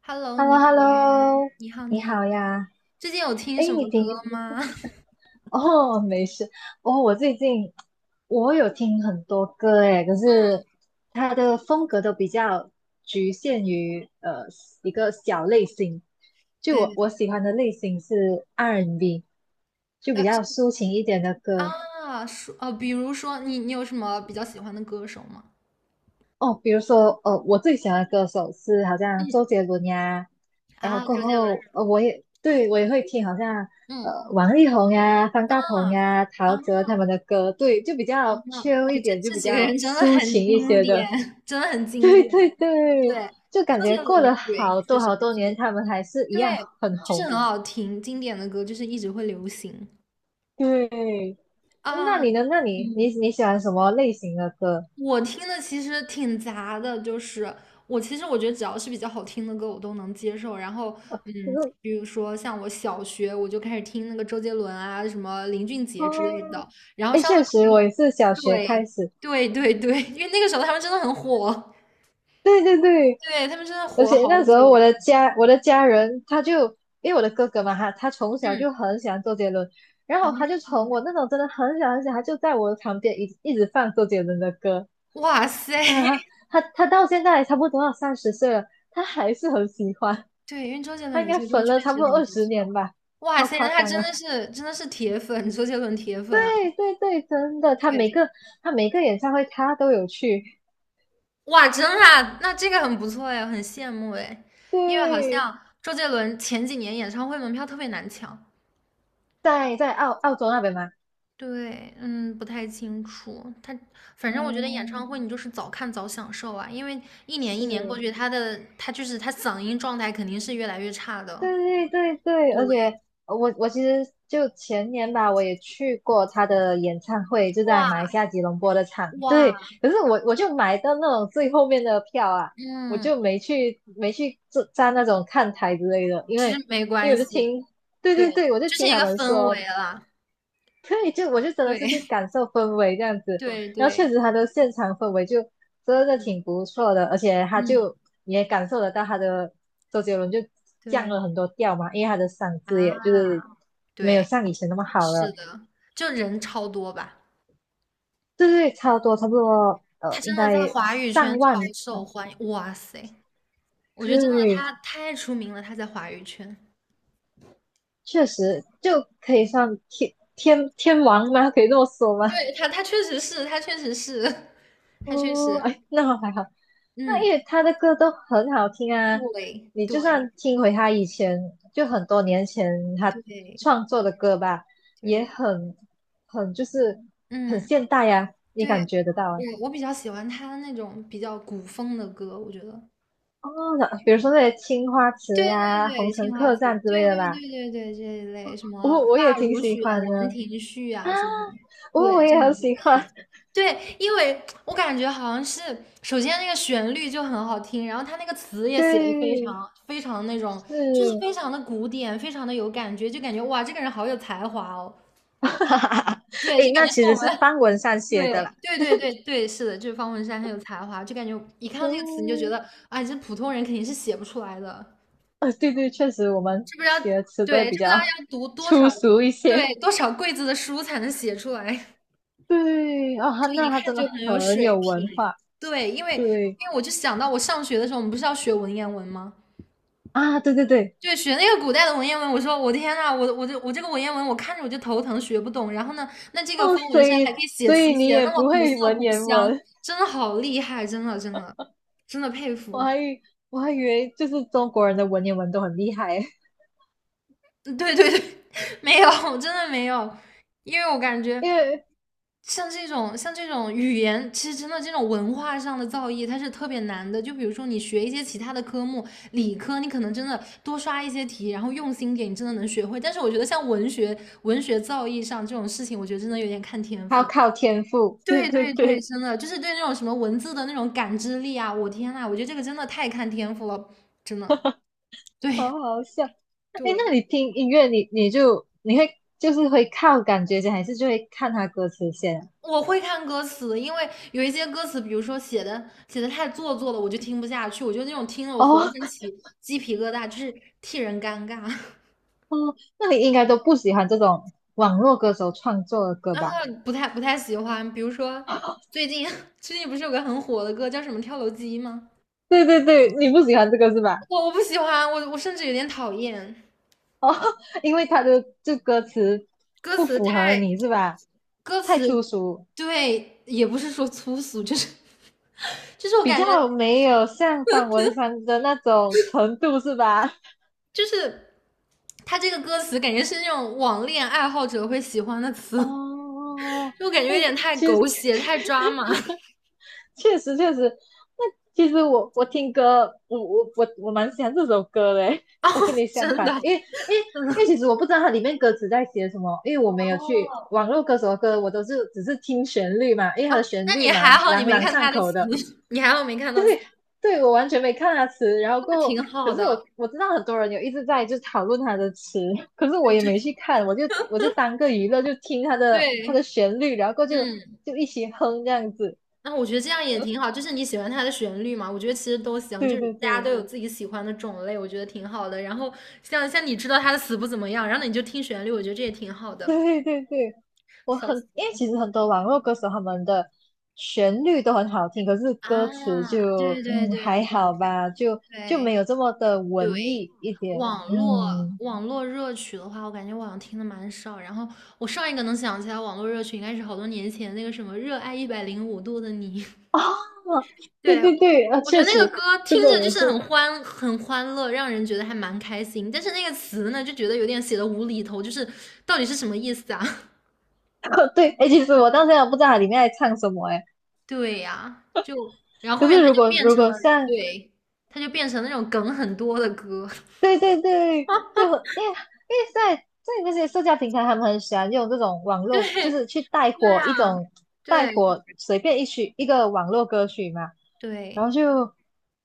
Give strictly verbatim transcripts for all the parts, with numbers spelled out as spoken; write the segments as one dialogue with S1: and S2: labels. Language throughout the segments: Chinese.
S1: Hello，
S2: h e l l
S1: 你
S2: o h
S1: 好
S2: e l l
S1: 呀，
S2: o
S1: 你好，
S2: 你
S1: 你好。
S2: 好呀。
S1: 最近有听
S2: 哎，
S1: 什
S2: 你
S1: 么歌
S2: 平
S1: 吗？
S2: 哦，没事哦。我最近我有听很多歌诶，可 是它的风格都比较局限于呃一个小类型。就
S1: 哎，
S2: 我我喜欢的类型是 R&B，就比
S1: 呃，
S2: 较抒情一点的歌。
S1: 啊，说呃，比如说你，你有什么比较喜欢的歌手吗？
S2: 哦，比如说，呃，我最喜欢的歌手是好像
S1: 嗯，
S2: 周杰伦呀。然后
S1: 啊，
S2: 过
S1: 周杰伦。
S2: 后，呃，我也对我也会听好像
S1: 嗯，
S2: 呃王力宏呀、方
S1: 啊
S2: 大同呀、
S1: 啊
S2: 陶喆他们的歌。对，就比
S1: 啊！
S2: 较 chill
S1: 哎，
S2: 一
S1: 这
S2: 点，就
S1: 这
S2: 比
S1: 几个
S2: 较
S1: 人真的
S2: 抒
S1: 很
S2: 情一
S1: 经
S2: 些
S1: 典，
S2: 的。
S1: 真的很 经
S2: 对
S1: 典。
S2: 对
S1: 对，
S2: 对，就感
S1: 周
S2: 觉
S1: 杰
S2: 过
S1: 伦，
S2: 了
S1: 对，
S2: 好
S1: 确
S2: 多
S1: 实
S2: 好
S1: 不
S2: 多
S1: 错。
S2: 年，他们还是一样
S1: 对，
S2: 很
S1: 就是
S2: 红。
S1: 很好听，经典的歌就是一直会流行
S2: 对。
S1: 啊。
S2: 那你呢？那你你
S1: 嗯，
S2: 你喜欢什么类型的歌？
S1: 我听的其实挺杂的，就是我其实我觉得只要是比较好听的歌，我都能接受。然后，嗯，
S2: 就是
S1: 比如说像我小学我就开始听那个周杰伦啊，什么林俊杰之类
S2: 哦。
S1: 的。然后
S2: 哎，
S1: 上了
S2: 确
S1: 初
S2: 实，我
S1: 中，
S2: 也是小学开
S1: 对
S2: 始，
S1: 对对对，因为那个时候他们真的很火，
S2: 对对对。
S1: 对他们真的
S2: 而
S1: 火了
S2: 且
S1: 好
S2: 那时候
S1: 久。
S2: 我的家我的家人他就因为我的哥哥嘛，他他从小
S1: 嗯
S2: 就很喜欢周杰伦，然
S1: 啊，
S2: 后他就从我那种真的很小很小，他就在我的旁边一一直放周杰伦的歌。
S1: 哇塞，
S2: 当然 他他他到现在差不多要三十岁了，他还是很喜欢，
S1: 对，因为周杰伦
S2: 他应
S1: 有
S2: 该
S1: 些歌
S2: 粉
S1: 确
S2: 了差
S1: 实
S2: 不多
S1: 很
S2: 二
S1: 不
S2: 十
S1: 错。
S2: 年吧，
S1: 哇
S2: 超
S1: 塞，
S2: 夸
S1: 那他
S2: 张
S1: 真
S2: 啊！
S1: 的是真的是铁粉，周杰伦铁
S2: 对
S1: 粉啊
S2: 对对，真的，他每
S1: 对。
S2: 个他每个演唱会他都有去。
S1: 哇，真的啊那这个很不错哎，很羡慕哎，因为好
S2: 对，
S1: 像周杰伦前几年演唱会门票特别难抢。
S2: 在在澳澳洲那边嘛。
S1: 对，嗯，不太清楚。他反正我觉得演唱
S2: 嗯，
S1: 会你就是早看早享受啊，因为一年一年过
S2: 是。
S1: 去，他的他就是他嗓音状态肯定是越来越差的。
S2: 对对对，
S1: 对，
S2: 而且呃我我其实就前年吧，我也去过他的演唱会，就在
S1: 哇
S2: 马来西亚吉隆坡的场。
S1: 哇，
S2: 对，可是我我就买到那种最后面的票啊，我
S1: 嗯，
S2: 就没去没去坐站那种看台之类的，因
S1: 其实
S2: 为
S1: 没
S2: 因
S1: 关
S2: 为我
S1: 系，
S2: 就听，对
S1: 对，
S2: 对对，我就
S1: 就是
S2: 听
S1: 一
S2: 他
S1: 个
S2: 们
S1: 氛
S2: 说。
S1: 围啦。
S2: 对，就我就真的
S1: 对
S2: 是去 感受氛围这样子。
S1: 对
S2: 然后确
S1: 对，
S2: 实他的现场氛围就真的挺不错的，而且他
S1: 嗯，
S2: 就你也感受得到他的周杰伦就降
S1: 对
S2: 了很多调嘛，因为他的嗓子也就
S1: 啊，
S2: 是没有
S1: 对。
S2: 像以前那么好
S1: 是
S2: 了。
S1: 的，就人超多吧，
S2: 对对，差不多差不多，呃，
S1: 他真
S2: 应
S1: 的在
S2: 该
S1: 华语圈
S2: 上
S1: 超
S2: 万
S1: 受
S2: 场。
S1: 欢迎，哇塞，我觉得真的
S2: 对，
S1: 他太出名了，他在华语圈，
S2: 确实就可以算天天天王吗？可以这么说吗？
S1: 对他，他确实是，他确实是，他确
S2: 哦。
S1: 实
S2: 哎，那还好，那
S1: 嗯，
S2: 因为他的歌都很好听啊。
S1: 对
S2: 你就
S1: 对
S2: 算听回他以前就很多年前他
S1: 对
S2: 创作的歌吧，也
S1: 对，
S2: 很很就是很
S1: 嗯，
S2: 现代呀、你
S1: 对，
S2: 感觉得到啊。
S1: 我我比较喜欢他那种比较古风的歌，我觉得
S2: 哦，那比如说那些《青花瓷》
S1: 对对
S2: 呀、《红
S1: 对，
S2: 尘
S1: 青花
S2: 客
S1: 瓷，
S2: 栈》之
S1: 对
S2: 类
S1: 对
S2: 的吧。
S1: 对对对，这一类什么
S2: 我我也
S1: 发
S2: 挺
S1: 如
S2: 喜
S1: 雪、
S2: 欢
S1: 兰
S2: 的
S1: 亭序
S2: 啊，
S1: 啊这种，对，
S2: 我我
S1: 这
S2: 也
S1: 种
S2: 很
S1: 还
S2: 喜
S1: 挺。
S2: 欢，
S1: 对，因为我感觉好像是，首先那个旋律就很好听，然后它那个词也写的非
S2: 对，
S1: 常非常那种，
S2: 是。
S1: 就是非常的古典，非常的有感觉，就感觉哇，这个人好有才华哦。
S2: 哈哈哈
S1: 对，就
S2: 诶，
S1: 感
S2: 那
S1: 觉是
S2: 其
S1: 我
S2: 实是
S1: 们，
S2: 方文山写
S1: 对
S2: 的啦。
S1: 对对对对，是的，就是方文山很有才华，就感觉一看到这个词你就觉
S2: 哦
S1: 得，哎，这普通人肯定是写不出来的。
S2: 呃，对对，确实我们
S1: 这不是要
S2: 写的词都会
S1: 对，
S2: 比
S1: 这不知道
S2: 较
S1: 要读 多
S2: 粗
S1: 少
S2: 俗一
S1: 对
S2: 些。
S1: 多少柜子的书才能写出来，
S2: 对，哦，他
S1: 这一
S2: 那他
S1: 看
S2: 真的
S1: 就很有
S2: 很
S1: 水平。
S2: 有文化。
S1: 对，因为
S2: 对
S1: 因为我就想到我上学的时候，我们不是要学文言文吗？
S2: 啊，对对对。
S1: 对，学那个古代的文言文，我说我天呐，我我这我这个文言文，我看着我就头疼，学不懂。然后呢，那这个
S2: 哦，
S1: 方
S2: 所
S1: 文山还可
S2: 以
S1: 以写
S2: 所
S1: 词，
S2: 以你
S1: 写的
S2: 也
S1: 那么
S2: 不
S1: 古
S2: 会
S1: 色
S2: 文
S1: 古
S2: 言
S1: 香，
S2: 文，
S1: 真的好厉害，真的真的真的佩
S2: 我
S1: 服。
S2: 还以我还以为就是中国人的文言文都很厉害。
S1: 嗯对对对，没有，真的没有，因为我感觉
S2: 因为
S1: 像这种像这种语言，其实真的这种文化上的造诣，它是特别难的。就比如说你学一些其他的科目，理科你可能真的多刷一些题，然后用心点，你真的能学会。但是我觉得像文学文学造诣上这种事情，我觉得真的有点看天
S2: 他要
S1: 赋。
S2: 靠天赋。对
S1: 对
S2: 对
S1: 对对，
S2: 对，
S1: 真的就是对那种什么文字的那种感知力啊，我天呐，我觉得这个真的太看天赋了，真的。对，
S2: 好好笑。哎，那
S1: 对，
S2: 你听音乐，你你就你会就是会靠感觉先，还是就会看他歌词先啊。
S1: 我会看歌词，因为有一些歌词，比如说写的写的太做作了，我就听不下去。我就那种听了我浑
S2: 哦。
S1: 身起鸡皮疙瘩，就是替人尴尬，
S2: 哦，那你应该都不喜欢这种网络歌手创作的歌吧？
S1: 不太不太喜欢。比如说 最近 最近不是有个很火的歌叫什么《跳楼机》吗？
S2: 对对对，你不喜欢这个是吧？
S1: 我我不喜欢，我我甚至有点讨厌
S2: 哦，因为他的这歌词
S1: 歌
S2: 不
S1: 词
S2: 符合
S1: 太
S2: 你是吧？
S1: 歌
S2: 太粗
S1: 词，
S2: 俗，
S1: 对，也不是说粗俗，就是就是我
S2: 比
S1: 感觉
S2: 较没有像方文山的那种程度是吧？
S1: 就是他这个歌词感觉是那种网恋爱好者会喜欢的 词。
S2: 哦，
S1: 就感觉有
S2: 诶，
S1: 点太
S2: 其实
S1: 狗 血、太抓马
S2: 确实确实。那其实我我听歌，我我我我蛮喜欢这首歌的欸，
S1: 哦，
S2: 我跟你相
S1: 真的
S2: 反，因为因为因为其实我不知道它里面歌词在写什么，因为我没
S1: 哦，
S2: 有去网络歌手的歌，我都是只是听旋律嘛，因为它
S1: 哦。
S2: 的旋
S1: 那
S2: 律
S1: 你还
S2: 蛮
S1: 好，你
S2: 朗
S1: 没
S2: 朗
S1: 看
S2: 上
S1: 他的
S2: 口
S1: 棋，
S2: 的。
S1: 你还好没看到棋，
S2: 对对，我完全没看它词，然后
S1: 那
S2: 过后。
S1: 挺好
S2: 可是
S1: 的。
S2: 我我知道很多人有一直在就讨论它的词，可是我
S1: 对
S2: 也
S1: 对
S2: 没去看，我就我就当个娱乐，就听它的它的
S1: 对，
S2: 旋律，然后过后就
S1: 嗯，
S2: 就一起哼这样子。
S1: 那我觉得这样也挺好，就是你喜欢它的旋律嘛，我觉得其实都行，就
S2: 对
S1: 是
S2: 对
S1: 大家都
S2: 对，
S1: 有自己喜欢的种类，我觉得挺好的。然后像像你知道他的词不怎么样，然后你就听旋律，我觉得这也挺好 的。
S2: 对对对，我
S1: 笑
S2: 很，
S1: 死我
S2: 因为
S1: 了
S2: 其实很多网络歌手他们的旋律都很好听，可是歌
S1: 啊！
S2: 词就
S1: 对对
S2: 嗯
S1: 对
S2: 还好吧，就就
S1: 对。
S2: 没有这么的
S1: 对，
S2: 文艺一点。
S1: 网络
S2: 嗯，
S1: 网络热曲的话，我感觉我好像听的蛮少。然后我上一个能想起来网络热曲，应该是好多年前那个什么《热爱一百零五度的你》。
S2: 哦，对
S1: 对，
S2: 对对，啊，
S1: 我觉
S2: 确
S1: 得那
S2: 实
S1: 个歌
S2: 这
S1: 听
S2: 个
S1: 着就
S2: 也
S1: 是
S2: 是。
S1: 很欢很欢乐，让人觉得还蛮开心。但是那个词呢，就觉得有点写的无厘头，就是到底是什么意思啊？
S2: 对，哎，其实我到现在不知道它里面在唱什么。哎，
S1: 对呀、就然后后
S2: 可
S1: 面
S2: 是
S1: 它
S2: 如
S1: 就
S2: 果
S1: 变
S2: 如
S1: 成了，
S2: 果像
S1: 对，它就变成那种梗很多的歌。
S2: 对对对，就因为因为在在那些社交平台，他们很喜欢用这种网络，就
S1: 对，
S2: 是去带
S1: 对
S2: 火一
S1: 啊，
S2: 种带
S1: 对
S2: 火随便一曲一个网络歌曲嘛，然
S1: 对。
S2: 后就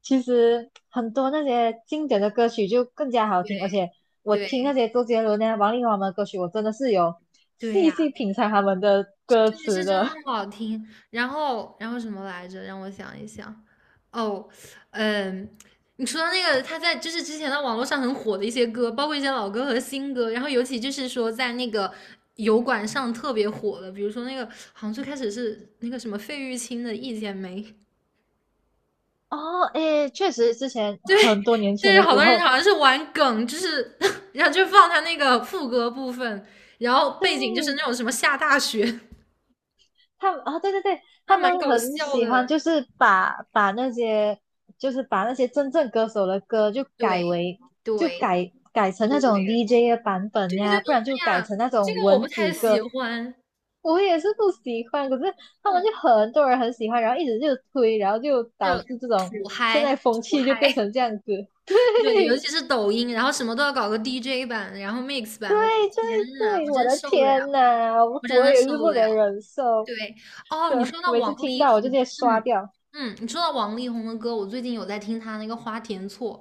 S2: 其实很多那些经典的歌曲就更加好听，而
S1: 对，
S2: 且我
S1: 对，
S2: 听那些周杰伦啊、王力宏他们的歌曲，我真的是有
S1: 对
S2: 细细
S1: 呀，
S2: 品尝他们的歌
S1: 这个
S2: 词
S1: 是真的
S2: 的。
S1: 好听。然后，然后什么来着？让我想一想。哦，嗯，你说到那个，他在就是之前的网络上很火的一些歌，包括一些老歌和新歌，然后尤其就是说在那个油管上特别火的，比如说那个好像最开始是那个什么费玉清的《一剪梅》，
S2: 哦，诶，确实，之前
S1: 对，
S2: 很多年
S1: 就
S2: 前
S1: 是
S2: 的
S1: 好
S2: 时
S1: 多人
S2: 候。
S1: 好像是玩梗，就是 然后就放他那个副歌部分，然后背景就是
S2: 对，
S1: 那种什么下大雪。
S2: 他们啊，对对对，
S1: 那
S2: 他
S1: 蛮
S2: 们
S1: 搞
S2: 很
S1: 笑
S2: 喜欢，
S1: 的，
S2: 就是把把那些，就是把那些真正歌手的歌就
S1: 对
S2: 改为，就
S1: 对
S2: 改改成
S1: 对
S2: 那种 D J 的版本
S1: 对对，
S2: 呀，
S1: 哎
S2: 不然就改
S1: 呀，
S2: 成那
S1: 这
S2: 种
S1: 个我
S2: 文
S1: 不太
S2: 字
S1: 喜
S2: 歌。
S1: 欢，
S2: 我也是不喜欢，可是他们就
S1: 嗯，
S2: 很多人很喜欢，然后一直就推，然后就导
S1: 就
S2: 致这种
S1: 土
S2: 现
S1: 嗨
S2: 在风
S1: 土
S2: 气就变
S1: 嗨，
S2: 成这样子。
S1: 对，尤其是抖音，然后什么都要搞个 D J 版，然后 mix
S2: 对
S1: 版，我的
S2: 对
S1: 天
S2: 对
S1: 呐，
S2: 对，
S1: 我
S2: 我
S1: 真
S2: 的
S1: 受不了，
S2: 天呐，
S1: 我真
S2: 我
S1: 的
S2: 也
S1: 受
S2: 是
S1: 不
S2: 不
S1: 了。
S2: 能忍受，
S1: 对，哦，
S2: 对，
S1: 你说到
S2: 每次
S1: 王
S2: 听
S1: 力
S2: 到我就
S1: 宏，
S2: 直接刷
S1: 嗯
S2: 掉。
S1: 嗯，你说到王力宏的歌，我最近有在听他那个《花田错》，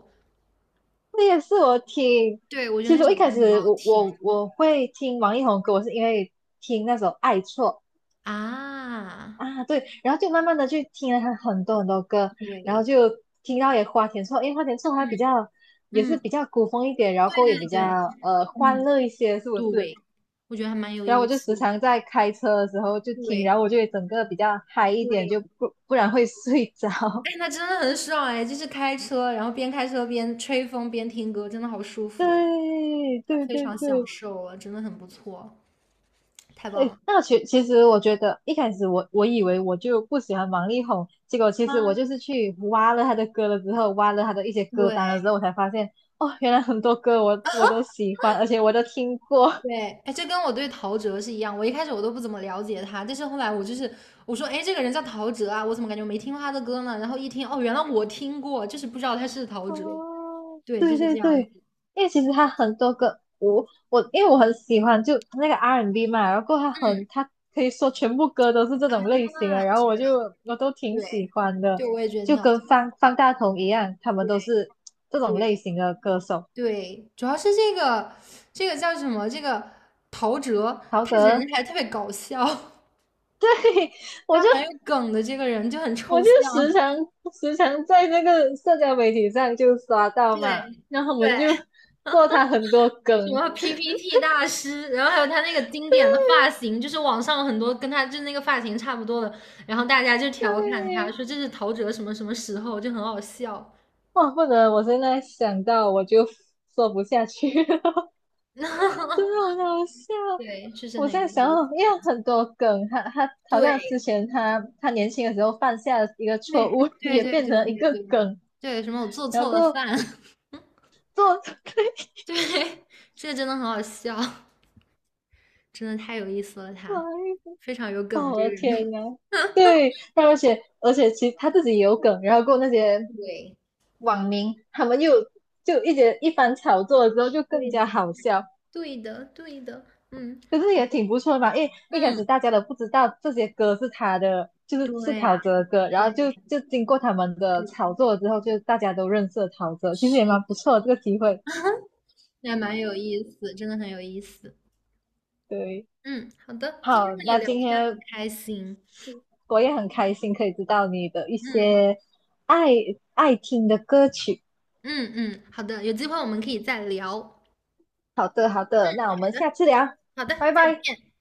S2: 这也是我听。
S1: 对，我觉得
S2: 其
S1: 那
S2: 实我
S1: 首
S2: 一
S1: 歌
S2: 开
S1: 很
S2: 始
S1: 好
S2: 我
S1: 听
S2: 我我会听王力宏歌，我是因为听那首《爱错》
S1: 啊，
S2: 啊。对，然后就慢慢的去听了他很多很多歌，然后
S1: 对，
S2: 就听到也花田错，因为花田错他比较也
S1: 嗯嗯，
S2: 是比较古风一点，然后
S1: 对
S2: 歌也
S1: 对
S2: 比较
S1: 对。
S2: 呃欢
S1: 嗯，
S2: 乐一些，是不是？
S1: 对，我觉得还蛮有
S2: 然后我
S1: 意
S2: 就
S1: 思
S2: 时
S1: 的。
S2: 常在开车的时候就听，
S1: 对
S2: 然后我就会整个比较嗨一点，
S1: 对，
S2: 就不不然会睡着。
S1: 哎，那真的很爽哎，就是开车，然后边开车边吹风边听歌，真的好舒服，
S2: 对对
S1: 非
S2: 对
S1: 常享
S2: 对，
S1: 受啊，真的很不错，太棒
S2: 对。
S1: 了。
S2: 那个其其实我觉得一开始我我以为我就不喜欢王力宏，结果其实我
S1: 啊，
S2: 就是去挖了他的歌了之后，挖了他的一些
S1: 对
S2: 歌单了之后，我才发现哦，原来很多歌我我都喜欢，而且我都听过。
S1: 对，哎，这跟我对陶喆是一样，我一开始我都不怎么了解他，但是后来我就是我说，哎，这个人叫陶喆啊，我怎么感觉没听过他的歌呢？然后一听，哦，原来我听过，就是不知道他是陶喆，
S2: 哦，
S1: 对，就
S2: 对
S1: 是
S2: 对
S1: 这样
S2: 对，
S1: 子。
S2: 因为其实他很多歌，我我因为我很喜欢就那个 R and B and B 嘛，然后他很他可以说全部歌都是这种类型的，
S1: 啊，
S2: 然后
S1: 是
S2: 我
S1: 的，
S2: 就我都挺喜
S1: 对，
S2: 欢的，
S1: 对，我也觉得
S2: 就
S1: 挺好
S2: 跟
S1: 听的
S2: 方方大同一样，他们
S1: 对
S2: 都是这种类
S1: 对。
S2: 型的歌手。
S1: 对，主要是这个这个叫什么？这个陶喆，
S2: 陶
S1: 他人
S2: 喆，
S1: 还特别搞笑，
S2: 对，我
S1: 他
S2: 就
S1: 蛮有梗的。这个人就很
S2: 我
S1: 抽
S2: 就
S1: 象，
S2: 时常时常在那个社交媒体上就刷到嘛，
S1: 对
S2: 然后我
S1: 对，
S2: 们就做他很多
S1: 什
S2: 梗，
S1: 么 P P T 大师，然后还有他那个经典的 发型，就是网上有很多跟他就那个发型差不多的，然后大家就调侃他
S2: 对。
S1: 说这是陶喆什么什么时候，就很好笑。
S2: 哇，不能，我现在想到我就说不下去了，真的很好笑。
S1: 对，确实
S2: 我
S1: 很有
S2: 在想
S1: 意
S2: 哦，
S1: 思。
S2: 因为很多梗，他他好像之
S1: 对
S2: 前他他年轻的时候犯下的一个
S1: 对
S2: 错误，
S1: 对
S2: 也
S1: 对
S2: 变
S1: 对
S2: 成一
S1: 对
S2: 个
S1: 对
S2: 梗，
S1: 对，什么我做
S2: 然后
S1: 错了饭。
S2: 做 对。
S1: 对，这个真的很好笑，真的太有意思了他，
S2: 哎
S1: 非常有
S2: 呦
S1: 梗这
S2: 我
S1: 个
S2: 的
S1: 人。
S2: 天 呐，对，而且而且其实他自己也有梗，然后过那些
S1: 对，
S2: 网民他们又就一些一番炒作了之后就更
S1: 对的，
S2: 加好笑，
S1: 对的，对的，嗯
S2: 可是也挺不错的嘛，因为一开始
S1: 嗯，
S2: 大家都不知道这些歌是他的，就是是
S1: 对
S2: 陶
S1: 呀、
S2: 喆的歌，然后
S1: 对
S2: 就就经过他们的
S1: 对，
S2: 炒作之后，就大家都认识了陶喆，其实也
S1: 是
S2: 蛮不
S1: 的，
S2: 错的这个机会。
S1: 那蛮有意思，真的很有意思。
S2: 对，
S1: 嗯，好的，今天
S2: 好，
S1: 和你
S2: 那
S1: 聊
S2: 今
S1: 天
S2: 天
S1: 很开心。
S2: 我也很开心可以知道你的一
S1: 嗯
S2: 些爱爱听的歌曲。
S1: 嗯嗯，好的，有机会我们可以再聊。好
S2: 好的，好的，那我们
S1: 的，
S2: 下次聊，
S1: 好的，
S2: 拜
S1: 再
S2: 拜。
S1: 见。